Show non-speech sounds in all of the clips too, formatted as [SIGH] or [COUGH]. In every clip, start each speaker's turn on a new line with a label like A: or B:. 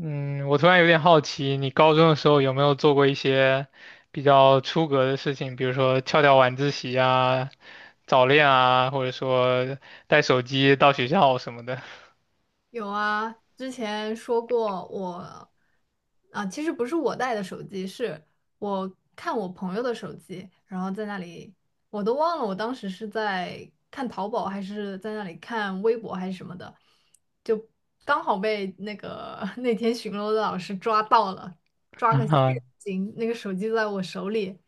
A: 嗯，我突然有点好奇，你高中的时候有没有做过一些比较出格的事情，比如说翘掉晚自习啊、早恋啊，或者说带手机到学校什么的？
B: 有啊，之前说过我，其实不是我带的手机，是我看我朋友的手机，然后在那里，我都忘了我当时是在看淘宝还是在那里看微博还是什么的，就刚好被[LAUGHS] 那天巡逻的老师抓到了，
A: [LAUGHS]
B: 抓个现
A: 啊，
B: 行，那个手机在我手里。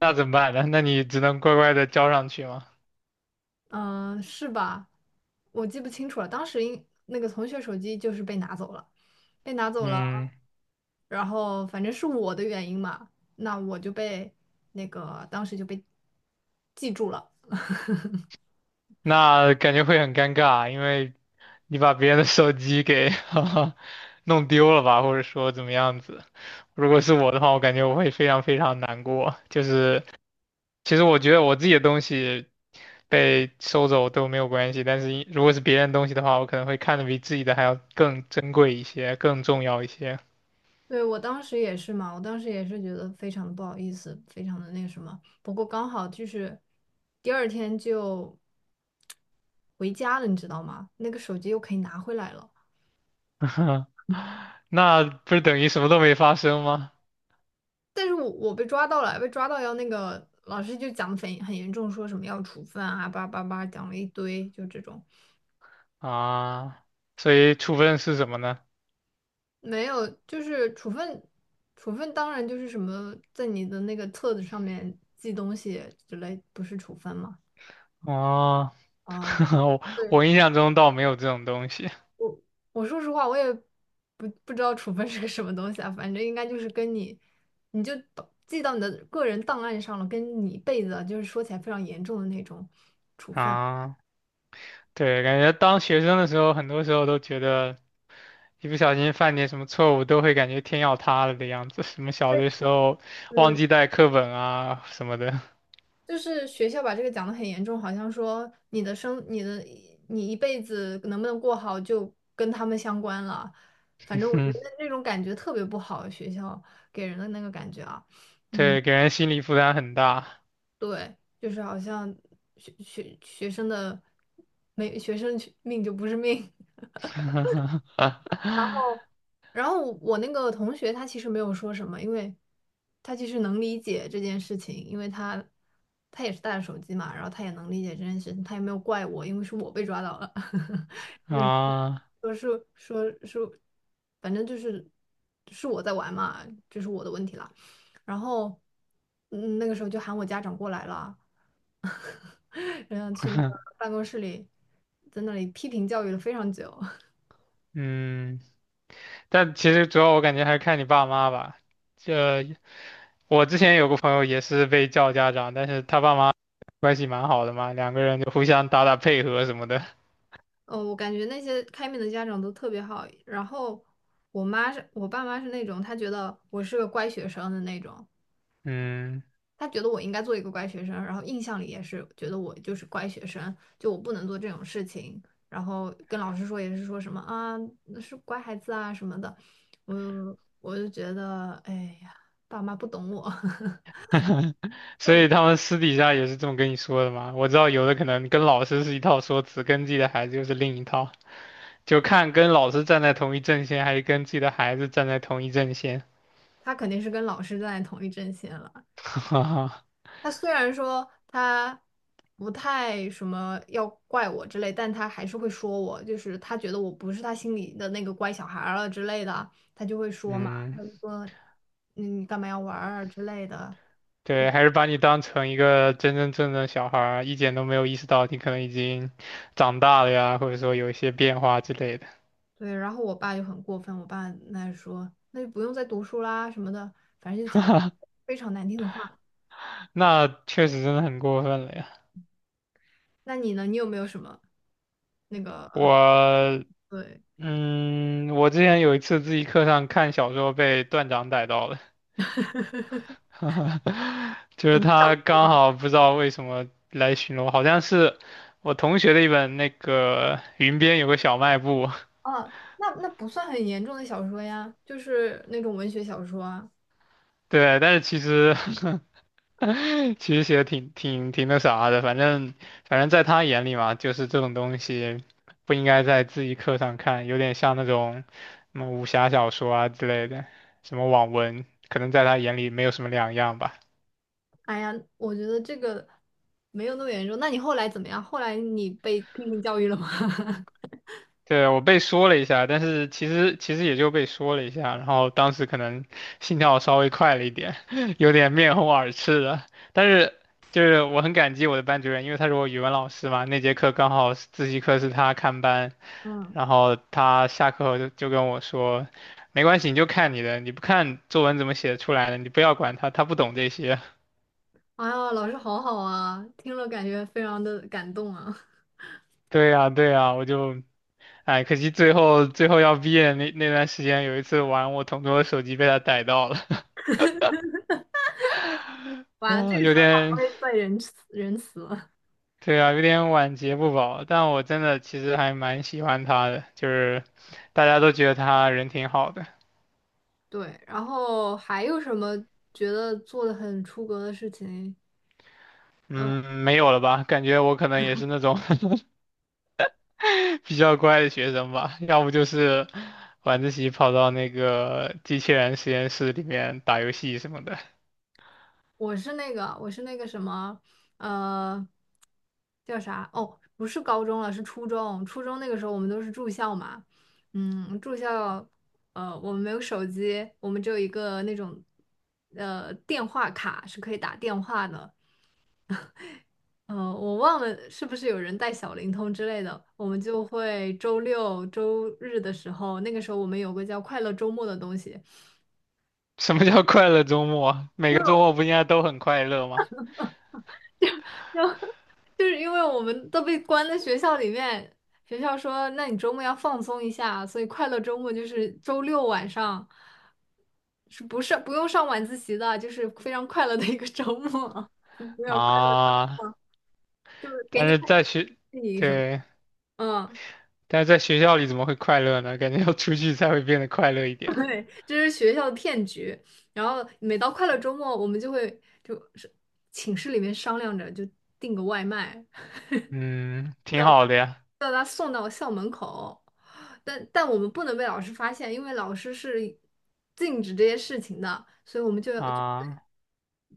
A: 那怎么办呢？那你只能乖乖的交上去吗？
B: 嗯，是吧？我记不清楚了，当时应那个同学手机就是被拿走了，被拿走了，
A: 嗯，
B: 然后反正是我的原因嘛，那我就被当时就被记住了。
A: 那感觉会很尴尬，因为你把别人的手机给 [LAUGHS] 弄丢了吧，或者说怎么样子。如果是我的话，我感觉我会非常非常难过，就是。其实我觉得我自己的东西被收走都没有关系，但是一如果是别人东西的话，我可能会看得比自己的还要更珍贵一些，更重要一些。
B: 对，我当时也是嘛，我当时也是觉得非常的不好意思，非常的那个什么。不过刚好就是第二天就回家了，你知道吗？那个手机又可以拿回来了。
A: [LAUGHS] 那不是等于什么都没发生吗？
B: 但是我被抓到了，被抓到要那个老师就讲的很严重，说什么要处分啊，叭叭叭讲了一堆，就这种
A: 啊，所以处分是什么呢？
B: 没有，就是处分，处分当然就是什么在你的那个册子上面记东西之类，不是处分吗？
A: 哦，[LAUGHS]
B: 啊，
A: 我
B: 对，
A: 我印象中倒没有这种东西
B: 我说实话，我也不知道处分是个什么东西啊，反正应该就是跟你，你就把记到你的个人档案上了，跟你一辈子啊，就是说起来非常严重的那种。
A: 啊。对，感觉当学生的时候，很多时候都觉得。一不小心犯点什么错误，都会感觉天要塌了的样子。什么小
B: 对，
A: 的时候忘记带课本啊什么的，
B: 就是学校把这个讲得很严重，好像说你的生、你的、你一辈子能不能过好就跟他们相关了。反正
A: [LAUGHS]
B: 我觉
A: 嗯，
B: 得那种感觉特别不好，学校给人的那个感觉啊。嗯，
A: 对，给人心理负担很大。
B: 对，就是好像学生的没学生去命就不是命。
A: [LAUGHS]
B: [LAUGHS] 然后我那个同学他其实没有说什么，因为他其实能理解这件事情，因为他也是带着手机嘛，然后他也能理解这件事情，他也没有怪我，因为是我被抓到了。[LAUGHS]
A: 啊，
B: 说是说是，反正就是是我在玩嘛，这是我的问题了。然后嗯，那个时候就喊我家长过来了，[LAUGHS] 然后去那个
A: [LAUGHS]
B: 办公室里在那里批评教育了非常久。
A: 嗯，但其实主要我感觉还是看你爸妈吧。这我之前有个朋友也是被叫家长，但是他爸妈关系蛮好的嘛，两个人就互相打打配合什么的。
B: 哦，我感觉那些开明的家长都特别好。然后我爸妈是那种，他觉得我是个乖学生的那种，
A: 嗯，
B: 他觉得我应该做一个乖学生，然后印象里也是觉得我就是乖学生，就我不能做这种事情。然后跟老师说也是说什么啊，那是乖孩子啊什么的。我就觉得，哎呀，爸妈不懂我。[LAUGHS]
A: [LAUGHS] 所
B: 那
A: 以他们私底下也是这么跟你说的嘛，我知道有的可能跟老师是一套说辞，跟自己的孩子又是另一套，就看跟老师站在同一阵线，还是跟自己的孩子站在同一阵线。
B: 他肯定是跟老师站在同一阵线了。
A: [LAUGHS]
B: 他虽然说他不太什么要怪我之类，但他还是会说我，就是他觉得我不是他心里的那个乖小孩儿了之类的，他就会说嘛，他
A: 嗯，
B: 就说嗯你干嘛要玩儿啊之类的。
A: 对，还是把你当成一个真真正正的小孩儿，一点都没有意识到你可能已经长大了呀，或者说有一些变化之类的。
B: 对，然后我爸就很过分，我爸那说那就不用再读书啦什么的，反正就讲非常难听的话。
A: 那确实真的很过分了呀。
B: 那你呢？你有没有什么那个
A: 我，
B: 对
A: 嗯，我之前有一次自习课上看小说被段长逮到了。
B: [LAUGHS]
A: [LAUGHS] 就
B: 什
A: 是
B: 么小
A: 他刚好不知道为什么来巡逻，好像是我同学的一本那个《云边有个小卖部》。
B: 啊？那那不算很严重的小说呀，就是那种文学小说啊。
A: 对，但是其实 [LAUGHS] 其实写的挺挺挺那啥的，反正在他眼里嘛，就是这种东西不应该在自习课上看，有点像那种什么武侠小说啊之类的，什么网文，可能在他眼里没有什么两样吧。
B: 哎呀，我觉得这个没有那么严重。那你后来怎么样？后来你被批评教育了吗？[LAUGHS]
A: 对，我被说了一下，但是其实也就被说了一下，然后当时可能心跳稍微快了一点，[LAUGHS] 有点面红耳赤的。但是就是我很感激我的班主任，因为他是我语文老师嘛，那节课刚好是自习课是他看班，
B: 嗯，
A: 然后他下课后就跟我说，没关系，你就看你的，你不看作文怎么写出来的，你不要管他，他不懂这些。[LAUGHS]
B: 哎呀，老师好好啊，听了感觉非常的感动啊。[LAUGHS]
A: 对呀，对呀，我就。哎，可惜最后最后要毕业那段时间，有一次玩我同桌的手机被他逮到了。
B: 完了，这
A: 啊，
B: 个
A: 有
B: 时候他不
A: 点，
B: 会再仁慈仁慈了。
A: 对啊，有点晚节不保，但我真的其实还蛮喜欢他的，就是大家都觉得他人挺好的。
B: 对，然后还有什么觉得做的很出格的事情？嗯。
A: 嗯，没有了吧？感觉我可能也是那种 [LAUGHS] 比较乖的学生吧，要不就是晚自习跑到那个机器人实验室里面打游戏什么的。
B: 我是那个，我是那个什么，呃，叫啥？哦，不是高中了，是初中。初中那个时候我们都是住校嘛，嗯，住校。我们没有手机，我们只有一个那种，电话卡是可以打电话的。我忘了是不是有人带小灵通之类的，我们就会周六周日的时候，那个时候我们有个叫快乐周末的东西，
A: 什么叫快乐周末啊？
B: [LAUGHS]
A: 每
B: 因
A: 个
B: 为。
A: 周末不应该都很快乐吗？
B: 就是因为我们都被关在学校里面，学校说，那你周末要放松一下，所以快乐周末就是周六晚上，是不是不用上晚自习的，就是非常快乐的一个周末，[LAUGHS] 没有快乐，
A: 啊，
B: 就是给
A: 但
B: 你
A: 是
B: 看
A: 在学，
B: 看戏什么。
A: 对，
B: 嗯，
A: 但是在学校里怎么会快乐呢？感觉要出去才会变得快乐一
B: [LAUGHS]
A: 点。
B: 对，这是学校的骗局。然后每到快乐周末，我们就会就是寝室里面商量着就订个外卖，
A: 嗯，挺好的呀。
B: 把他送到校门口，但我们不能被老师发现，因为老师是禁止这些事情的，所以我们就得
A: 啊，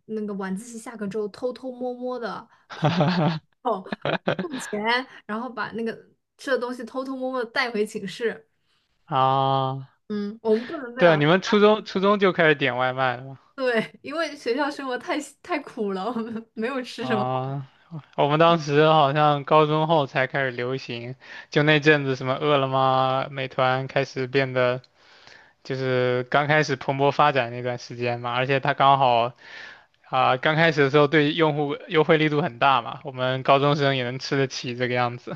B: 那个晚自习下课之后偷偷摸摸的
A: [LAUGHS]
B: 跑
A: 哈哈
B: 到付钱，然后把那个吃的东西偷偷摸摸的带回寝室。
A: 哈啊，
B: 嗯，我们不能被
A: 对，
B: 老师，
A: 你们初中就开始点外卖了
B: 对，因为学校生活太苦了，我们没有吃
A: 吗
B: 什么好。
A: 啊，我们当时好像高中后才开始流行，就那阵子什么饿了么、美团开始变得就是刚开始蓬勃发展那段时间嘛，而且它刚好啊、刚开始的时候对用户优惠力度很大嘛，我们高中生也能吃得起这个样子。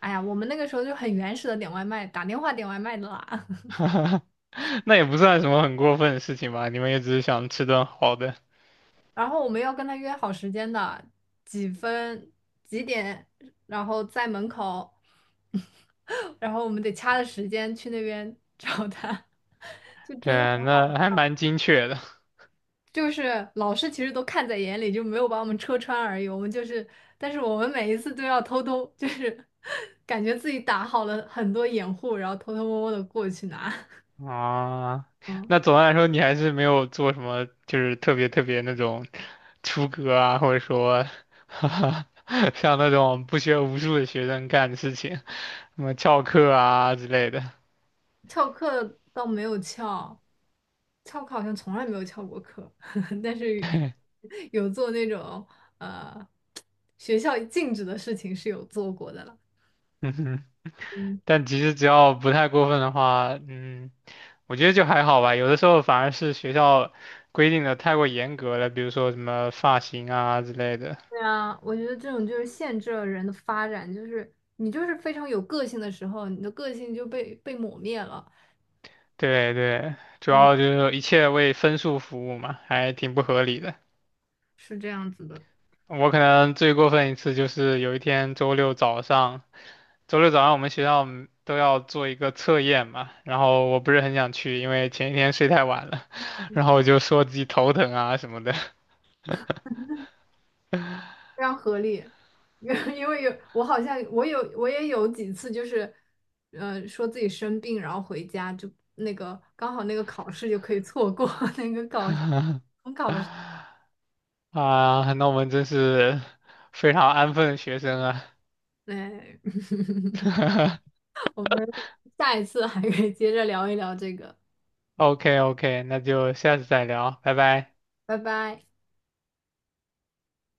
B: 哎呀，我们那个时候就很原始的点外卖，打电话点外卖的啦。
A: [LAUGHS] 那也不算什么很过分的事情吧？你们也只是想吃顿好的。
B: 然后我们要跟他约好时间的，几分几点，然后在门口，[LAUGHS] 然后我们得掐着时间去那边找他，[LAUGHS] 就真的很
A: 对，那还
B: 好，
A: 蛮精确的
B: 就是老师其实都看在眼里，就没有把我们戳穿而已。我们就是，但是我们每一次都要偷偷，就是 [LAUGHS] 感觉自己打好了很多掩护，然后偷偷摸摸的过去拿。[LAUGHS]
A: 啊。
B: 嗯。
A: 那总的来说，你还是没有做什么，就是特别特别那种出格啊，或者说 [LAUGHS] 像那种不学无术的学生干的事情，什么翘课啊之类的。[LAUGHS]
B: 翘课倒没有翘，翘课好像从来没有翘过课，[LAUGHS] 但是有做那种呃学校禁止的事情是有做过的了。
A: 嗯哼，
B: 嗯，
A: 但其实只要不太过分的话，嗯，我觉得就还好吧。有的时候反而是学校规定的太过严格了，比如说什么发型啊之类的。
B: 对啊，我觉得这种就是限制了人的发展，就是你就是非常有个性的时候，你的个性就被抹灭了。
A: 对对，主
B: 嗯，
A: 要就是一切为分数服务嘛，还挺不合理的。
B: 是这样子的。
A: 我可能最过分一次就是有一天周六早上，周六早上我们学校嗯都要做一个测验嘛，然后我不是很想去，因为前一天睡太晚了，[LAUGHS] 然后我就说自己头疼啊什么的
B: 非常合理，[LAUGHS] 因为有我好像我有我也有几次就是，说自己生病，然后回家就那个刚好那个考试就可以错过 [LAUGHS] 那个考试。
A: 啊，那我们真是非常安分的学生啊。
B: 哎 [LAUGHS]
A: [LAUGHS]
B: 我们下一次还可以接着聊一聊这个，
A: OK OK，那就下次再聊，拜拜。
B: 拜拜。